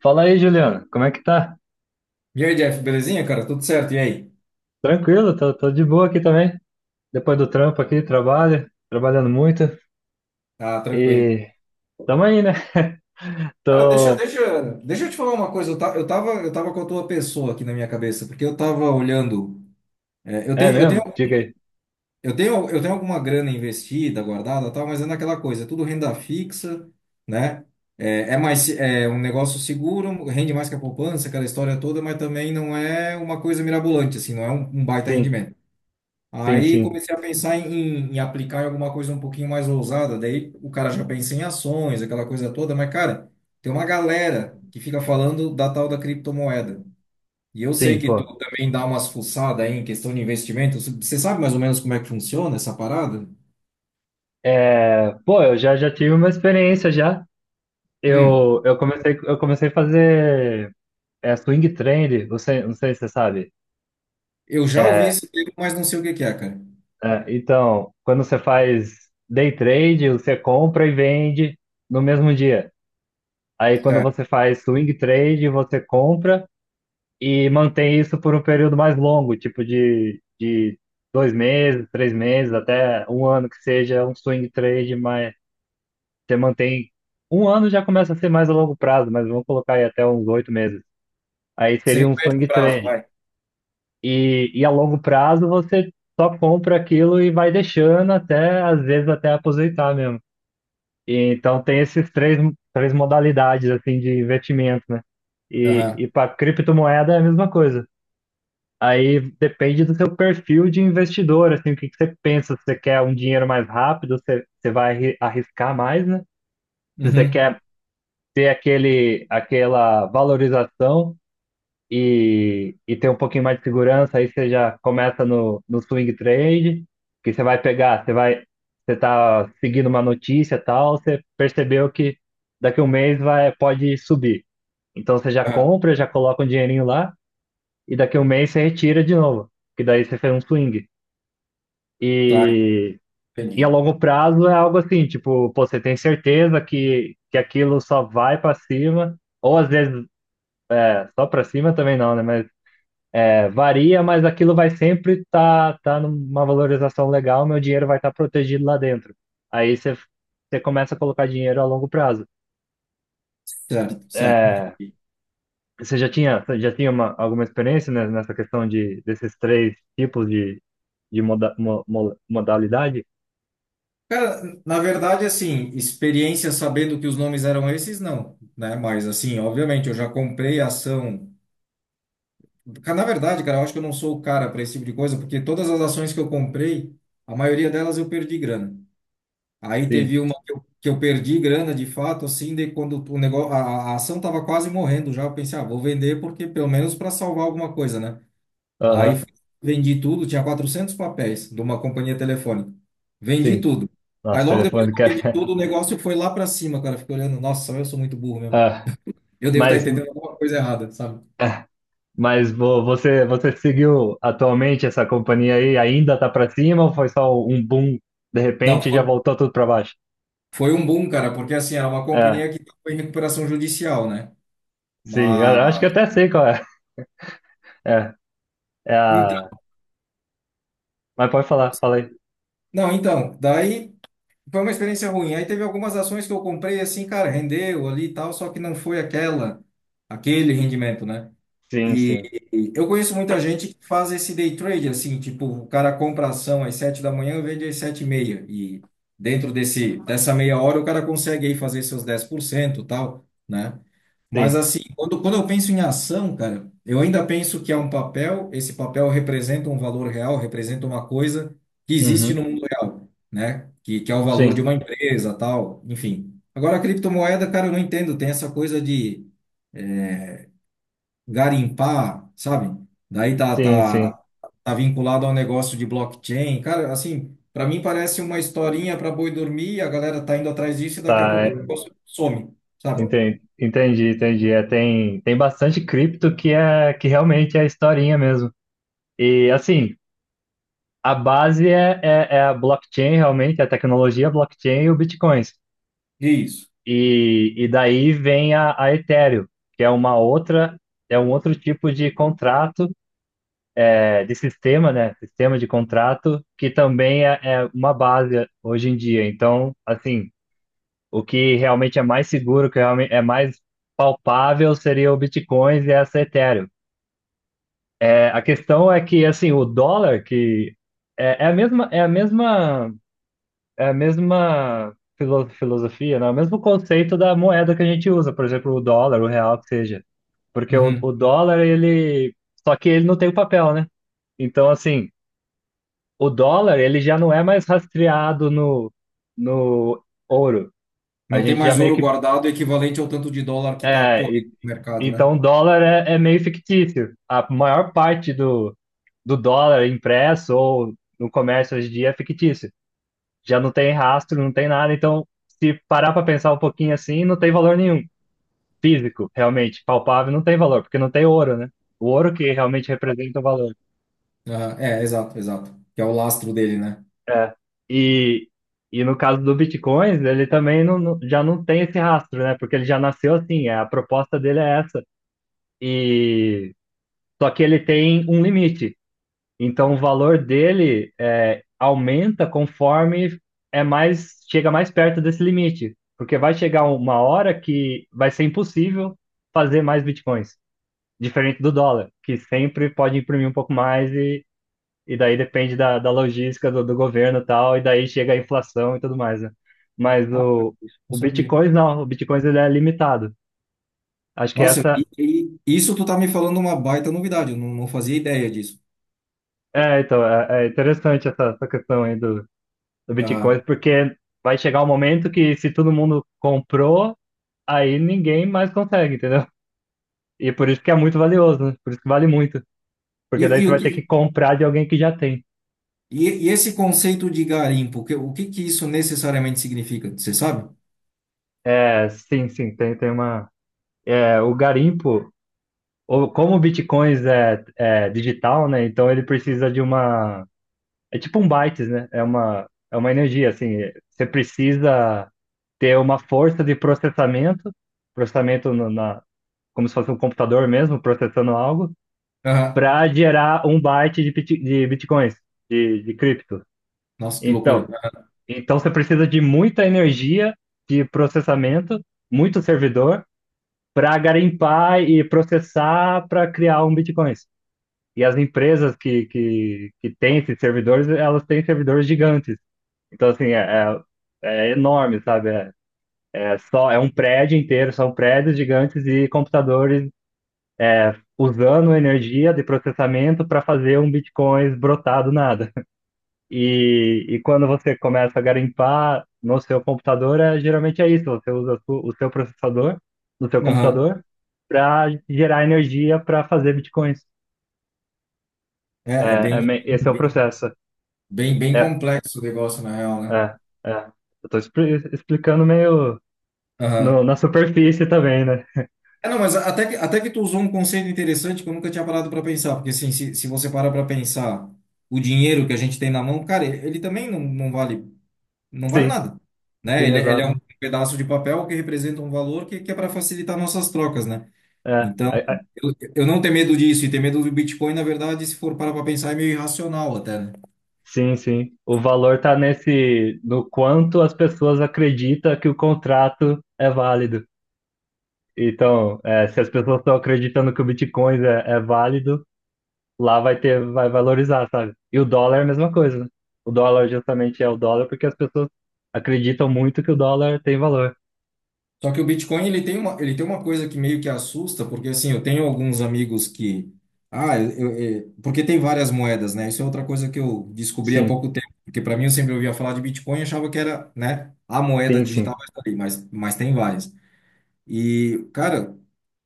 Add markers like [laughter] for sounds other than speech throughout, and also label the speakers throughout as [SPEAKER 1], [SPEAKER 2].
[SPEAKER 1] Fala aí, Juliano, como é que tá?
[SPEAKER 2] E aí, Jeff, belezinha, cara? Tudo certo? E aí?
[SPEAKER 1] Tranquilo, tô de boa aqui também. Depois do trampo aqui, trabalhando muito
[SPEAKER 2] Tá tranquilo.
[SPEAKER 1] e tamo aí, né? [laughs]
[SPEAKER 2] Cara, deixa,
[SPEAKER 1] Tô.
[SPEAKER 2] deixa, deixa eu te falar uma coisa. Eu tava com a tua pessoa aqui na minha cabeça, porque eu tava olhando. é, eu
[SPEAKER 1] É
[SPEAKER 2] tenho, eu tenho,
[SPEAKER 1] mesmo? Diga aí.
[SPEAKER 2] eu tenho alguma grana investida, guardada, e tal, mas é naquela coisa, é tudo renda fixa, né? É um negócio seguro, rende mais que a poupança, aquela história toda, mas também não é uma coisa mirabolante, assim, não é um baita
[SPEAKER 1] Sim,
[SPEAKER 2] rendimento.
[SPEAKER 1] sim,
[SPEAKER 2] Aí
[SPEAKER 1] sim,
[SPEAKER 2] comecei a pensar em aplicar em alguma coisa um pouquinho mais ousada. Daí o cara já pensa em ações, aquela coisa toda, mas, cara, tem uma galera que fica falando da tal da criptomoeda. E eu sei
[SPEAKER 1] sim,
[SPEAKER 2] que tu
[SPEAKER 1] pô.
[SPEAKER 2] também dá umas fuçadas aí em questão de investimento. Você sabe mais ou menos como é que funciona essa parada?
[SPEAKER 1] É, pô, eu já tive uma experiência já.
[SPEAKER 2] Hum,
[SPEAKER 1] Eu comecei, eu comecei a fazer swing trade, você, não sei se você sabe.
[SPEAKER 2] eu já ouvi
[SPEAKER 1] É,
[SPEAKER 2] esse termo, mas não sei o que que é, cara.
[SPEAKER 1] então, quando você faz day trade, você compra e vende no mesmo dia. Aí quando
[SPEAKER 2] Tá.
[SPEAKER 1] você faz swing trade, você compra e mantém isso por um período mais longo, tipo de dois meses, três meses, até um ano que seja um swing trade, mas você mantém. Um ano já começa a ser mais a longo prazo, mas vamos colocar aí até uns oito meses. Aí seria
[SPEAKER 2] Seria
[SPEAKER 1] um
[SPEAKER 2] o médio
[SPEAKER 1] swing
[SPEAKER 2] prazo,
[SPEAKER 1] trade.
[SPEAKER 2] vai.
[SPEAKER 1] E a longo prazo você só compra aquilo e vai deixando até, às vezes, até aposentar mesmo. E, então tem três modalidades assim de investimento, né? E,
[SPEAKER 2] Aham.
[SPEAKER 1] e para criptomoeda é a mesma coisa. Aí depende do seu perfil de investidor, assim, o que que você pensa, se você quer um dinheiro mais rápido, você vai arriscar mais, né? Se você
[SPEAKER 2] Uhum.
[SPEAKER 1] quer ter aquela valorização e ter um pouquinho mais de segurança, aí você já começa no swing trade, que você vai pegar, você tá seguindo uma notícia e tal, você percebeu que daqui um mês vai, pode subir. Então você já
[SPEAKER 2] Aham.
[SPEAKER 1] compra, já coloca um dinheirinho lá, e daqui um mês você retira de novo, que daí você fez um swing.
[SPEAKER 2] Tá,
[SPEAKER 1] E, e a
[SPEAKER 2] entendi.
[SPEAKER 1] longo prazo é algo assim, tipo, pô, você tem certeza que aquilo só vai para cima, ou às vezes só para cima também não, né? É, varia, mas aquilo vai sempre estar tá numa valorização legal, meu dinheiro vai estar protegido lá dentro. Aí você começa a colocar dinheiro a longo prazo.
[SPEAKER 2] Certo, certo,
[SPEAKER 1] É,
[SPEAKER 2] entendi.
[SPEAKER 1] você já tinha uma, alguma experiência né, nessa questão de, desses três tipos de modalidade?
[SPEAKER 2] Cara, na verdade, assim, experiência sabendo que os nomes eram esses, não, né? Mas, assim, obviamente, eu já comprei ação. Cara, na verdade, cara, eu acho que eu não sou o cara para esse tipo de coisa, porque todas as ações que eu comprei, a maioria delas eu perdi grana. Aí
[SPEAKER 1] Sim,
[SPEAKER 2] teve uma que eu perdi grana, de fato, assim, de quando o negócio, a ação tava quase morrendo já, eu pensei, ah, vou vender porque pelo menos para salvar alguma coisa, né? Aí
[SPEAKER 1] aham,
[SPEAKER 2] fui- Vendi tudo, tinha 400 papéis de uma companhia telefônica. Vendi
[SPEAKER 1] sim.
[SPEAKER 2] tudo. Aí
[SPEAKER 1] Nossa,
[SPEAKER 2] logo depois
[SPEAKER 1] telefone
[SPEAKER 2] que eu
[SPEAKER 1] que
[SPEAKER 2] vendi
[SPEAKER 1] é...
[SPEAKER 2] tudo, o negócio foi lá para cima, cara. Fiquei olhando, nossa, eu sou muito burro
[SPEAKER 1] [laughs]
[SPEAKER 2] mesmo.
[SPEAKER 1] Ah,
[SPEAKER 2] Eu devo estar
[SPEAKER 1] mas
[SPEAKER 2] entendendo alguma coisa errada, sabe?
[SPEAKER 1] é, Mas você, você seguiu atualmente essa companhia aí? Ainda tá para cima ou foi só um boom de
[SPEAKER 2] Não,
[SPEAKER 1] repente e já
[SPEAKER 2] foi,
[SPEAKER 1] voltou tudo para baixo?
[SPEAKER 2] Foi um boom, cara, porque assim, era uma
[SPEAKER 1] É,
[SPEAKER 2] companhia que estava em recuperação judicial, né?
[SPEAKER 1] sim, eu acho que
[SPEAKER 2] Mas.
[SPEAKER 1] até sei qual é. É, é a...
[SPEAKER 2] Então,
[SPEAKER 1] Mas pode falar,
[SPEAKER 2] nossa.
[SPEAKER 1] falei.
[SPEAKER 2] Não, então, daí foi uma experiência ruim. Aí teve algumas ações que eu comprei, assim, cara, rendeu ali e tal, só que não foi aquela, aquele rendimento, né?
[SPEAKER 1] Sim,
[SPEAKER 2] E
[SPEAKER 1] sim,
[SPEAKER 2] e eu conheço muita gente que faz esse day trade, assim, tipo, o cara compra ação às 7 da manhã, vende às 7h30. E dentro desse, dessa meia hora o cara consegue aí fazer seus 10% e tal, né? Mas
[SPEAKER 1] sim.
[SPEAKER 2] assim, quando eu penso em ação, cara, eu ainda penso que é um papel, esse papel representa um valor real, representa uma coisa que existe
[SPEAKER 1] Uhum.
[SPEAKER 2] no mundo real, né? Que é o valor de
[SPEAKER 1] Sim,
[SPEAKER 2] uma empresa, tal, enfim. Agora, a criptomoeda, cara, eu não entendo, tem essa coisa de garimpar, sabe? Daí tá, Uhum.
[SPEAKER 1] sim.
[SPEAKER 2] Tá, tá vinculado ao negócio de blockchain. Cara, assim, para mim parece uma historinha para boi dormir, a galera tá indo atrás disso e daqui a
[SPEAKER 1] Tá,
[SPEAKER 2] pouco o
[SPEAKER 1] é,
[SPEAKER 2] negócio some, sabe?
[SPEAKER 1] entendi. É, tem bastante cripto que é que realmente é historinha mesmo. E assim, a base é a blockchain realmente, a tecnologia blockchain e o Bitcoin.
[SPEAKER 2] E é isso.
[SPEAKER 1] E daí vem a Ethereum, que é uma outra, é um outro tipo de contrato, é, de sistema, né? Sistema de contrato, que também é uma base hoje em dia. Então, assim, o que realmente é mais seguro, o que realmente é mais palpável seria o Bitcoin e essa Ethereum. É, a questão é que, assim, o dólar, que é, é a mesma, é a mesma, é a mesma filosofia, né? O mesmo conceito da moeda que a gente usa, por exemplo, o dólar, o real, que seja. Porque o
[SPEAKER 2] Uhum.
[SPEAKER 1] dólar, ele. Só que ele não tem o papel, né? Então, assim, o dólar, ele já não é mais rastreado no ouro. A
[SPEAKER 2] Não tem
[SPEAKER 1] gente já
[SPEAKER 2] mais
[SPEAKER 1] meio
[SPEAKER 2] ouro
[SPEAKER 1] que.
[SPEAKER 2] guardado equivalente ao tanto de dólar que tá
[SPEAKER 1] É,
[SPEAKER 2] correndo
[SPEAKER 1] e-
[SPEAKER 2] no mercado, né?
[SPEAKER 1] então, o dólar é meio fictício. A maior parte do dólar impresso ou no comércio hoje em dia é fictício. Já não tem rastro, não tem nada. Então, se parar para pensar um pouquinho assim, não tem valor nenhum. Físico, realmente, palpável, não tem valor, porque não tem ouro, né? O ouro que realmente representa o valor.
[SPEAKER 2] Aham, é, exato, exato. Que é o lastro dele, né?
[SPEAKER 1] É. E, e no caso do Bitcoin, ele também já não tem esse rastro, né? Porque ele já nasceu assim, é, a proposta dele é essa. E só que ele tem um limite. Então o valor dele é, aumenta conforme é mais chega mais perto desse limite, porque vai chegar uma hora que vai ser impossível fazer mais Bitcoins, diferente do dólar, que sempre pode imprimir um pouco mais e daí depende da logística do governo e tal, e daí chega a inflação e tudo mais, né? Mas
[SPEAKER 2] Ah, cara, isso eu
[SPEAKER 1] o
[SPEAKER 2] não sabia.
[SPEAKER 1] Bitcoin não, o Bitcoin ele é limitado. Acho que
[SPEAKER 2] Nossa,
[SPEAKER 1] essa
[SPEAKER 2] e isso tu tá me falando uma baita novidade, eu não fazia ideia disso.
[SPEAKER 1] é, então, é interessante essa questão aí do
[SPEAKER 2] Aham.
[SPEAKER 1] Bitcoin, porque vai chegar um momento que se todo mundo comprou, aí ninguém mais consegue, entendeu? E por isso que é muito valioso, né? Por isso que vale muito,
[SPEAKER 2] E,
[SPEAKER 1] porque daí
[SPEAKER 2] e
[SPEAKER 1] você
[SPEAKER 2] o
[SPEAKER 1] vai ter que
[SPEAKER 2] que,
[SPEAKER 1] comprar de alguém que já tem.
[SPEAKER 2] e esse conceito de garimpo, que- o que que isso necessariamente significa? Você sabe?
[SPEAKER 1] É, sim, tem uma. É, o garimpo. O- como o Bitcoin é digital, né? Então ele precisa de uma. É tipo um bytes, né? É uma energia, assim. Você precisa ter uma força de processamento, processamento no- na, como se fosse um computador mesmo, processando algo,
[SPEAKER 2] Aham.
[SPEAKER 1] para gerar um byte de, de bitcoins, de cripto.
[SPEAKER 2] Nossa, que loucura.
[SPEAKER 1] Então, então você precisa de muita energia de processamento, muito servidor, para garimpar e processar para criar um bitcoin. E as empresas que têm esses servidores, elas têm servidores gigantes. Então, assim, é enorme, sabe? É só, é um prédio inteiro, são prédios gigantes e computadores usando energia de processamento para fazer um Bitcoin brotar do nada. [laughs] E quando você começa a garimpar no seu computador, é, geralmente é isso, você usa a o seu processador no seu
[SPEAKER 2] Aham.
[SPEAKER 1] computador para gerar energia para fazer Bitcoins.
[SPEAKER 2] É,
[SPEAKER 1] É,
[SPEAKER 2] é
[SPEAKER 1] esse é o
[SPEAKER 2] bem,
[SPEAKER 1] processo.
[SPEAKER 2] bem
[SPEAKER 1] É
[SPEAKER 2] complexo o negócio, na real, né?
[SPEAKER 1] É, é. Eu tô explicando meio
[SPEAKER 2] Aham.
[SPEAKER 1] na superfície também, né?
[SPEAKER 2] É, não, mas até que tu usou um conceito interessante que eu nunca tinha parado para pensar, porque assim, se você parar para pensar o dinheiro que a gente tem na mão, cara, ele também não vale, não vale
[SPEAKER 1] Sim,
[SPEAKER 2] nada, né?
[SPEAKER 1] sim,
[SPEAKER 2] Ele é
[SPEAKER 1] exato.
[SPEAKER 2] um pedaço de papel que representa um valor que é para facilitar nossas trocas, né?
[SPEAKER 1] É,
[SPEAKER 2] Então,
[SPEAKER 1] é, é,
[SPEAKER 2] eu não tenho medo disso, e ter medo do Bitcoin, na verdade, se for parar para pensar, é meio irracional até, né?
[SPEAKER 1] sim, sim. O valor tá nesse, no quanto as pessoas acreditam que o contrato é válido. Então, é, se as pessoas estão acreditando que o Bitcoin é válido, lá vai ter, vai valorizar, sabe? E o dólar é a mesma coisa, né? O dólar justamente é o dólar porque as pessoas acreditam muito que o dólar tem valor.
[SPEAKER 2] Só que o Bitcoin, ele tem uma coisa que meio que assusta, porque assim, eu tenho alguns amigos que. Ah, porque tem várias moedas, né? Isso é outra coisa que eu descobri há
[SPEAKER 1] Sim,
[SPEAKER 2] pouco tempo, porque para mim eu sempre ouvia falar de Bitcoin e achava que era, né, a moeda
[SPEAKER 1] sim,
[SPEAKER 2] digital,
[SPEAKER 1] sim,
[SPEAKER 2] mas tá ali, mas tem várias. E, cara.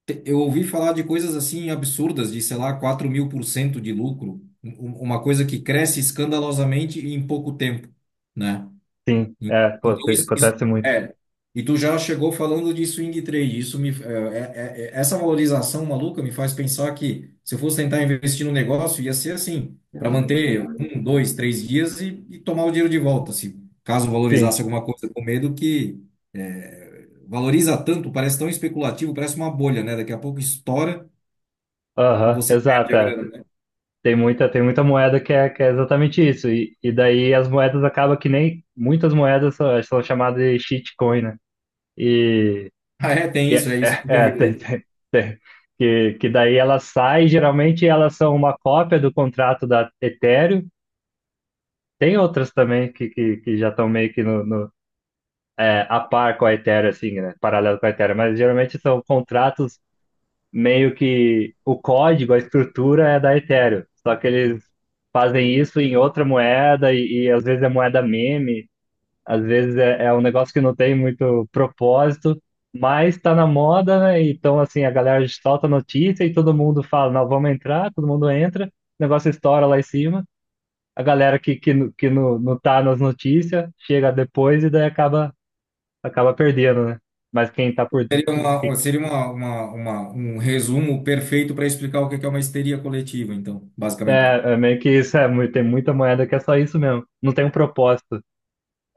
[SPEAKER 2] Eu ouvi falar de coisas assim absurdas, de, sei lá, 4.000% de lucro, uma coisa que cresce escandalosamente em pouco tempo, né?
[SPEAKER 1] sim.
[SPEAKER 2] En-
[SPEAKER 1] É, pô,
[SPEAKER 2] Então,
[SPEAKER 1] te-
[SPEAKER 2] isso
[SPEAKER 1] acontece muito.
[SPEAKER 2] é. E tu já chegou falando de swing trade. Isso me, é, é, é- é, Essa valorização maluca me faz pensar que se eu fosse tentar investir no negócio, ia ser assim, para manter um, dois, três dias e tomar o dinheiro de volta. Se caso valorizasse
[SPEAKER 1] Sim,
[SPEAKER 2] alguma coisa com medo que é, valoriza tanto, parece tão especulativo, parece uma bolha, né? Daqui a pouco estoura e
[SPEAKER 1] aham,
[SPEAKER 2] você perde
[SPEAKER 1] exato.
[SPEAKER 2] a
[SPEAKER 1] É.
[SPEAKER 2] grana, né? [laughs]
[SPEAKER 1] Tem muita moeda que é exatamente isso. E daí as moedas acabam que nem muitas moedas são, são chamadas de shitcoin, né? E,
[SPEAKER 2] Ah, é, tem
[SPEAKER 1] e
[SPEAKER 2] isso,
[SPEAKER 1] é,
[SPEAKER 2] é isso
[SPEAKER 1] é,
[SPEAKER 2] que eu
[SPEAKER 1] é, [laughs]
[SPEAKER 2] vi aí, né?
[SPEAKER 1] tem- que daí elas saem, geralmente elas são uma cópia do contrato da Ethereum. Tem outras também que já estão meio que no, é, a par com a Ethereum, assim, né? Paralelo com a Ethereum, mas geralmente são contratos meio que o código, a estrutura é da Ethereum. Só que eles fazem isso em outra moeda e às vezes é moeda meme, às vezes é um negócio que não tem muito propósito, mas tá na moda, né? Então, assim, a galera solta notícia e todo mundo fala, não, vamos entrar, todo mundo entra, o negócio estoura lá em cima. A galera que não, não tá nas notícias chega depois e daí acaba perdendo, né? Mas quem tá por,
[SPEAKER 2] Seria uma- Um resumo perfeito para explicar o que que é uma histeria coletiva, então, basicamente.
[SPEAKER 1] É, é meio que isso, é, mu- tem muita moeda que é só isso mesmo. Não tem um propósito.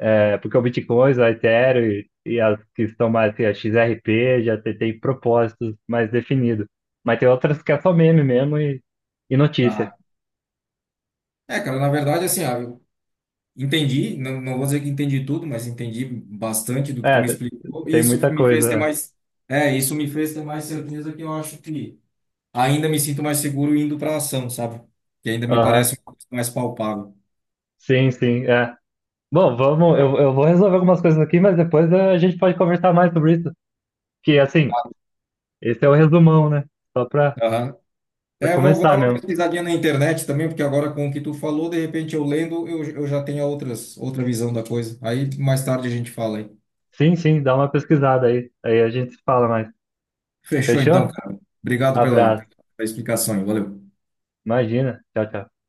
[SPEAKER 1] É porque o Bitcoin, o Ethereum e as que são mais, que a XRP já tem, tem propósitos mais definidos. Mas tem outras que é só meme mesmo e notícia.
[SPEAKER 2] Ah, é, cara, na verdade, assim, eu entendi, não, não vou dizer que entendi tudo, mas entendi bastante do que tu
[SPEAKER 1] É,
[SPEAKER 2] me explicou, e
[SPEAKER 1] tem muita coisa.
[SPEAKER 2] isso me fez ter mais certeza que eu acho que ainda me sinto mais seguro indo para ação, sabe? Que ainda me
[SPEAKER 1] Aham,
[SPEAKER 2] parece uma coisa mais palpável.
[SPEAKER 1] Sim, sim, é. Bom, eu vou resolver algumas coisas aqui, mas depois é, a gente pode conversar mais sobre isso. Que, assim, esse é o resumão, né? Só pra, pra
[SPEAKER 2] É, eu vou dar
[SPEAKER 1] começar
[SPEAKER 2] uma
[SPEAKER 1] mesmo.
[SPEAKER 2] pesquisadinha na internet também, porque agora com o que tu falou, de repente eu lendo, eu já tenho outras, outra visão da coisa. Aí mais tarde a gente fala aí.
[SPEAKER 1] Sim, sim, dá uma pesquisada aí. Aí a gente se fala mais.
[SPEAKER 2] Fechou então,
[SPEAKER 1] Fechou?
[SPEAKER 2] cara. Obrigado pela,
[SPEAKER 1] Abraço.
[SPEAKER 2] pela explicação aí. Valeu.
[SPEAKER 1] Imagina. Tchau, tchau.